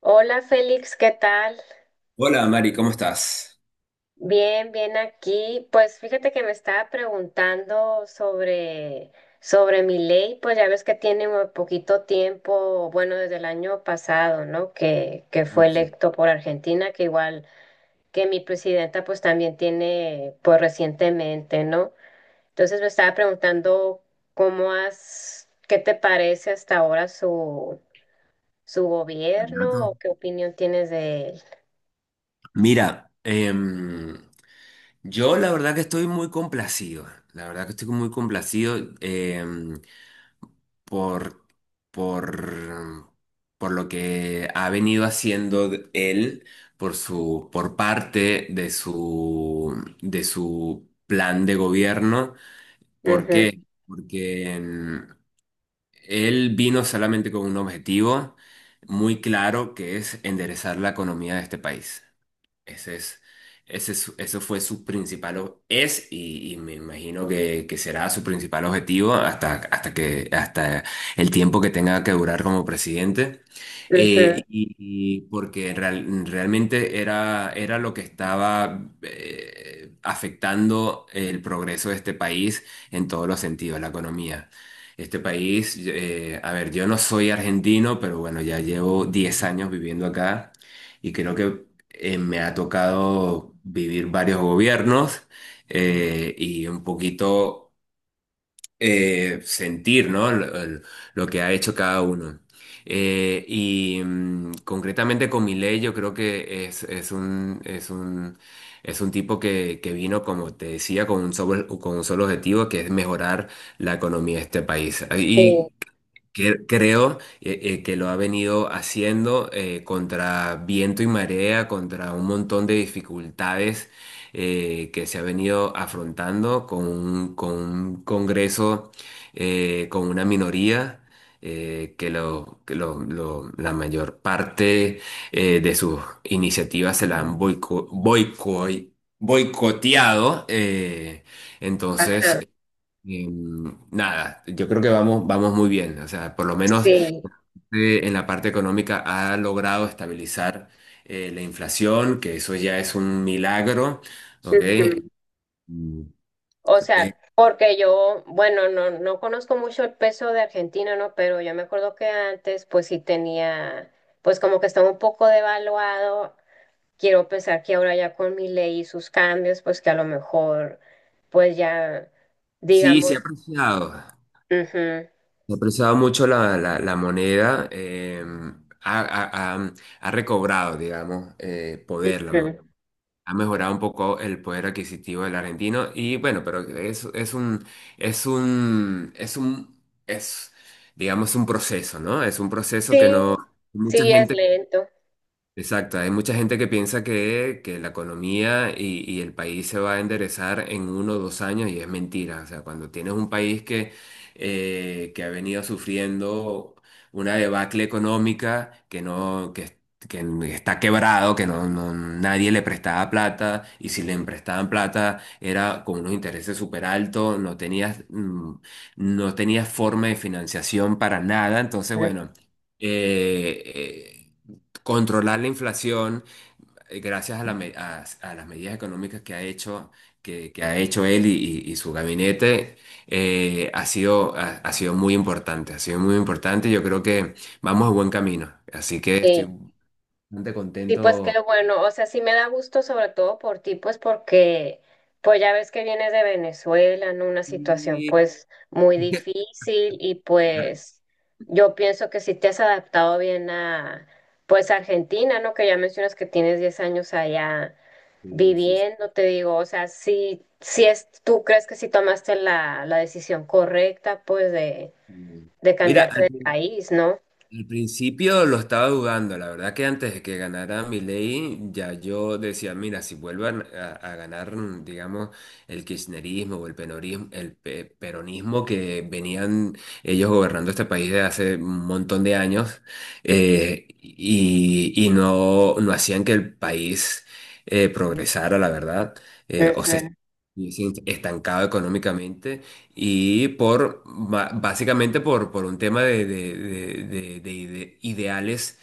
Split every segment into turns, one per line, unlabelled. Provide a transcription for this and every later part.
Hola Félix, ¿qué tal?
Hola Mari, ¿cómo estás?
Bien, bien aquí. Pues fíjate que me estaba preguntando sobre mi ley, pues ya ves que tiene un poquito tiempo, bueno, desde el año pasado, ¿no? Que fue electo por Argentina, que igual que mi presidenta pues también tiene, pues recientemente, ¿no? Entonces me estaba preguntando cómo has, qué te parece hasta ahora su
Buen
gobierno o
dato.
qué opinión tienes de él.
Mira, yo la verdad que estoy muy complacido, la verdad que estoy muy complacido por, por, por lo que ha venido haciendo él por parte de su plan de gobierno. ¿Por
Ujú,
qué? Porque él vino solamente con un objetivo muy claro que es enderezar la economía de este país. Ese es, Eso fue su principal, o- es y me imagino que será su principal objetivo hasta el tiempo que tenga que durar como presidente.
ujú,
Y porque realmente era lo que estaba afectando el progreso de este país en todos los sentidos, la economía. Este país, a ver, yo no soy argentino, pero bueno, ya llevo 10 años viviendo acá. Y creo que me ha tocado vivir varios gobiernos y un poquito sentir, ¿no? Lo que ha hecho cada uno. Concretamente con Milei yo creo que es un tipo que vino, como te decía, con un solo objetivo, que es mejorar la economía de este país.
sí.
Creo que lo ha venido haciendo contra viento y marea, contra un montón de dificultades que se ha venido afrontando con un Congreso, con una minoría. La mayor parte de sus iniciativas se la han boicoteado.
Ajá.
Entonces, eh, nada, yo creo que vamos muy bien. O sea, por lo menos
Sí.
en la parte económica ha logrado estabilizar la inflación, que eso ya es un milagro, ¿ok?
Ujú.
Mm,
O sea,
eh,
porque yo, bueno, no conozco mucho el peso de Argentina, ¿no? Pero yo me acuerdo que antes, pues sí tenía, pues como que estaba un poco devaluado. Quiero pensar que ahora ya con mi ley y sus cambios, pues que a lo mejor, pues ya,
sí, se
digamos,
ha apreciado.
ujú,
Se ha apreciado mucho la moneda. Ha, ha- ha- Ha recobrado, digamos, poder la moneda.
ujú.
Ha mejorado un poco el poder adquisitivo del argentino y bueno, pero es un, es un, es, digamos, un proceso, ¿no? Es un proceso que no,
Sí,
mucha
sí es
gente.
lento.
Exacto, hay mucha gente que piensa que la economía y el país se va a enderezar en 1 o 2 años y es mentira. O sea, cuando tienes un país que ha venido sufriendo una debacle económica, que no, que está quebrado, que no, nadie le prestaba plata, y si le prestaban plata era con unos intereses súper altos, no tenías forma de financiación para nada. Entonces,
Ujú.
bueno. Eh, eh, Controlar la inflación gracias a, la me- a las medidas económicas que ha hecho, que ha hecho él y su gabinete, ha sido muy importante, ha sido muy importante. Yo creo que vamos a buen camino. Así que estoy
Sí.
bastante
Sí, pues qué
contento.
bueno, o sea, sí me da gusto sobre todo por ti, pues porque pues ya ves que vienes de Venezuela en una situación
Y-
pues muy difícil y pues yo pienso que sí te has adaptado bien a pues Argentina, ¿no? Que ya mencionas que tienes 10 años allá
Sí, sí,
viviendo, te digo, o sea, sí, sí es, tú crees que sí tomaste la decisión correcta pues
sí.
de
Mira,
cambiarte de país, ¿no?
al principio lo estaba dudando, la verdad que antes de que ganara Milei, ya yo decía, mira, si vuelvan a ganar, digamos, el kirchnerismo o el penorismo, el pe- peronismo que venían ellos gobernando este país de hace un montón de años, y no hacían que el país progresara, la verdad,
Eh,
o
eh,
se estuviese estancado económicamente y por básicamente por un tema ideales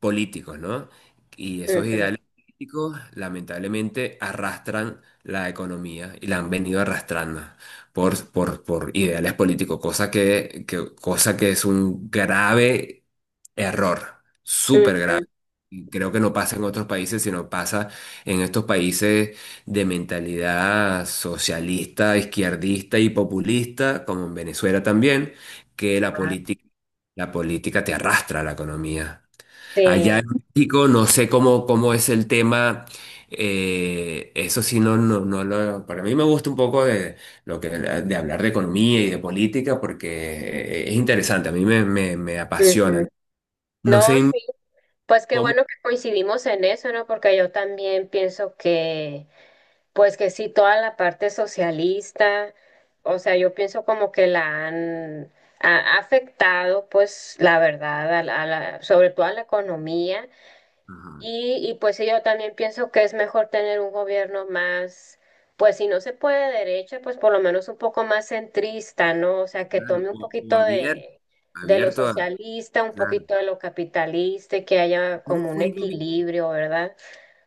políticos, ¿no? Y esos
Ujú,
ideales políticos lamentablemente arrastran la economía y la han venido arrastrando por ideales políticos, cosa que es un grave error, súper grave.
ujú.
Y creo que no pasa en otros países, sino pasa en estos países de mentalidad socialista, izquierdista y populista, como en Venezuela también, que la
Ah,
política, la política te arrastra a la economía. Allá
sí.
en México, no sé cómo es el tema. Eso sí, no, no, no lo. Para mí me gusta un poco de, lo que, de hablar de economía y de política porque es interesante, a mí me apasiona.
Ujú.
No
No,
sé
sí, pues qué
cómo.
bueno que coincidimos en eso, ¿no? Porque yo también pienso que, pues que sí, toda la parte socialista, o sea, yo pienso como que la han ha ha afectado, pues la verdad, a la- sobre todo a la economía.
Ajá,
Y pues sí, yo también pienso que es mejor tener un gobierno más, pues si no se puede de derecha, pues por lo menos un poco más centrista, ¿no? O sea, que
claro,
tome un poquito de lo
abierto a.
socialista, un
Claro.
poquito de lo capitalista, y que haya
¿Cómo
como un
fue el, gobi-
equilibrio, ¿verdad?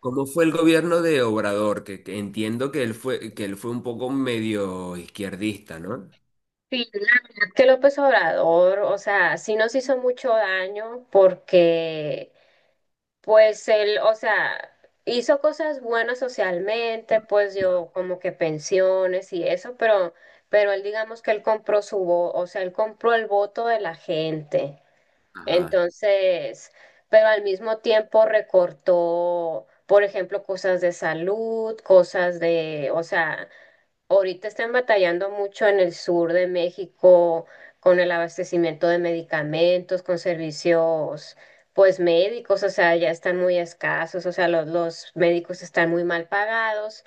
Cómo fue el gobierno de Obrador? Que entiendo que él fue un poco medio izquierdista, ¿no?
Sí, la verdad que López Obrador, o sea, sí nos hizo mucho daño porque pues él, o sea, hizo cosas buenas socialmente, pues dio como que pensiones y eso, pero él digamos que él compró su voto, o sea, él compró el voto de la gente.
Ajá.
Entonces, pero al mismo tiempo recortó, por ejemplo, cosas de salud, cosas de, o sea, ahorita están batallando mucho en el sur de México con el abastecimiento de medicamentos, con servicios, pues médicos, o sea, ya están muy escasos, o sea, los médicos están muy mal pagados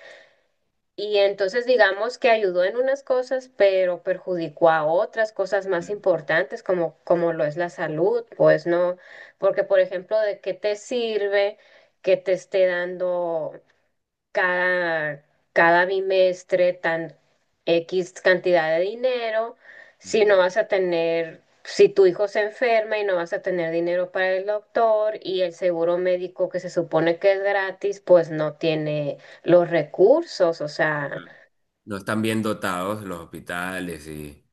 y entonces digamos que ayudó en unas cosas, pero perjudicó a otras cosas más importantes como, como lo es la salud, pues no, porque por ejemplo, ¿de qué te sirve que te esté dando? cada, Cada bimestre tan X cantidad de dinero, si no vas a tener, si tu hijo se enferma y no vas a tener dinero para el doctor y el seguro médico que se supone que es gratis, pues no tiene los recursos, o sea,
No están bien dotados los hospitales y.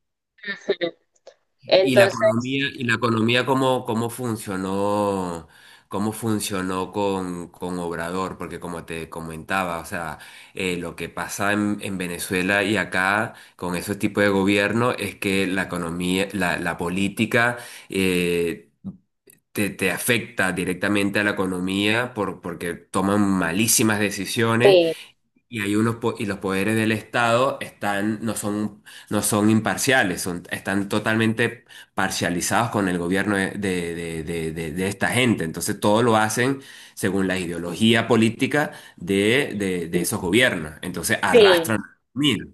Y la
entonces,
economía, y la economía cómo funcionó con Obrador, porque como te comentaba, o sea, lo que pasa en Venezuela y acá con ese tipo de gobierno es que la política eh, te afecta directamente a la economía porque toman malísimas decisiones
sí,
y hay unos po- y los poderes del Estado no son imparciales, están totalmente parcializados con el gobierno de esta gente. Entonces todo lo hacen según la ideología política de esos gobiernos. Entonces
sí.
arrastran. Mira,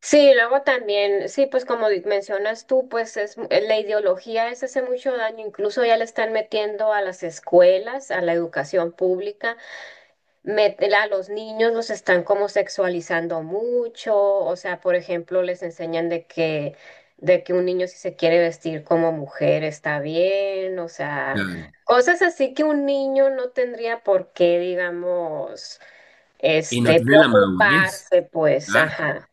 Sí, luego también, sí, pues como di- mencionas tú, pues es mu- la ideología es hace mucho daño, incluso ya le están metiendo a las escuelas, a la educación pública, met- a los niños los están como sexualizando mucho, o sea, por ejemplo, les enseñan de que un niño si se quiere vestir como mujer está bien, o sea,
claro.
cosas así que un niño no tendría por qué, digamos,
Y no
este,
tienen la madurez.
preocuparse, pues,
Claro.
ajá.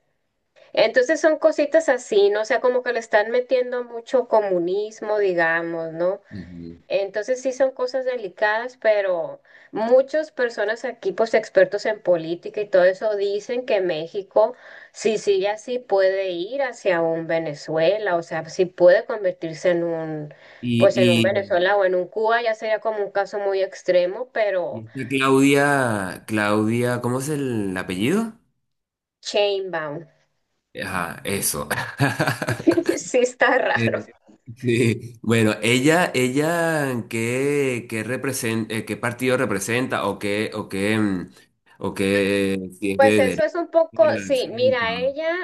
Entonces son cositas así, ¿no? O sea, como que le están metiendo mucho comunismo, digamos, ¿no?
Ujú.
Entonces sí son cosas delicadas, pero muchas personas aquí, pues expertos en política y todo eso, dicen que México, si sigue así, puede ir hacia un Venezuela, o sea, sí puede convertirse en un,
Y,
pues en un
y,
Venezuela o en un Cuba, ya sería como un caso muy extremo,
y
pero
esta Claudia, ¿cómo es el apellido?
chainbound,
Ajá, eso.
sí está raro.
Eh, sí. Bueno, ella, qué partido representa o qué, mm, o qué, si es
Pues
de
eso
derecha,
es un poco,
izquierda, del
sí,
centro?
mira, ella,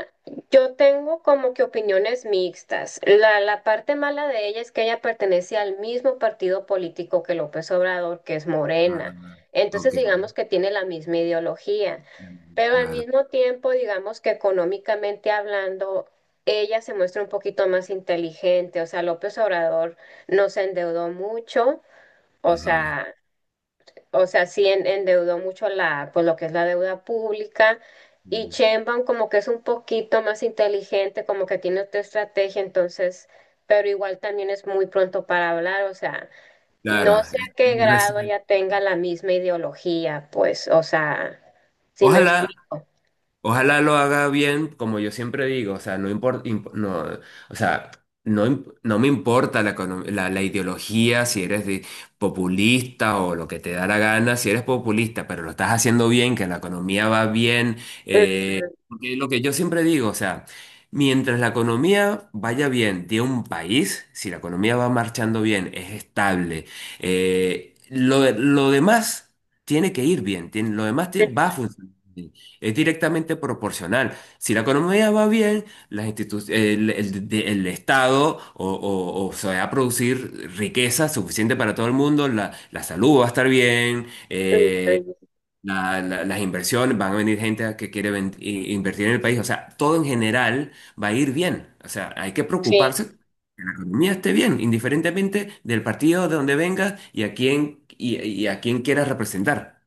yo tengo como que opiniones mixtas. La parte mala de ella es que ella pertenece al mismo partido político que López Obrador, que es Morena.
Ah, ok,
Entonces, digamos que tiene la misma ideología, pero al
claro,
mismo tiempo, digamos que económicamente hablando, ella se muestra un poquito más inteligente. O sea, López Obrador no se endeudó mucho. O
ajá.
sea, o sea, sí en- endeudó mucho la, pues lo que es la deuda pública. Y Sheinbaum como que es un poquito más inteligente, como que tiene otra estrategia, entonces, pero igual también es muy pronto para hablar, o sea, no
Claro,
sé
es
a qué
muy
grado
reciente.
ya tenga la misma ideología, pues, o sea, si me
Ojalá.
explico.
Ojalá lo haga bien, como yo siempre digo, o sea, no importa, no, o sea, no, no me importa la ideología, si eres de populista o lo que te da la gana, si eres populista, pero lo estás haciendo bien, que la economía va bien,
Ujú.
porque lo que yo siempre digo, o sea, mientras la economía vaya bien de un país, si la economía va marchando bien, es estable, lo demás tiene que ir bien, lo demás va a funcionar bien. Es directamente proporcional. Si la economía va bien, las institu- el- de- el Estado o se va a producir riqueza suficiente para todo el mundo, la salud va a estar bien,
Ujú.
las inversiones, van a venir gente a que quiere invertir en el país, o sea, todo en general va a ir bien, o sea, hay que
Sí.
preocuparse que la economía esté bien, indiferentemente del partido de donde vengas y a quién, y a quién quieras representar.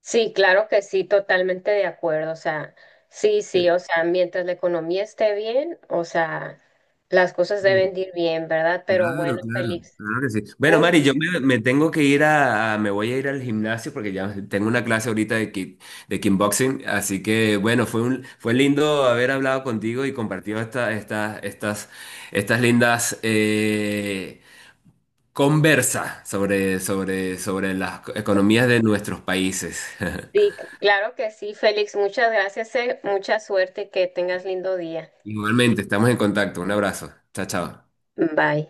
Sí, claro que sí, totalmente de acuerdo. O sea, sí, sí, o sea, mientras la economía esté bien, o sea, las cosas deben
Sí.
de ir bien, ¿verdad? Pero
Claro,
bueno,
claro,
Félix,
claro que sí. Bueno, Mari,
un,
yo me tengo que ir me voy a ir al gimnasio porque ya tengo una clase ahorita de kickboxing, así que bueno, fue lindo haber hablado contigo y compartido estas lindas conversas sobre las economías de nuestros países.
sí, claro que sí, Félix, muchas gracias, mucha suerte y que tengas lindo día.
Igualmente, estamos en contacto. Un abrazo. Chao, chao.
Bye.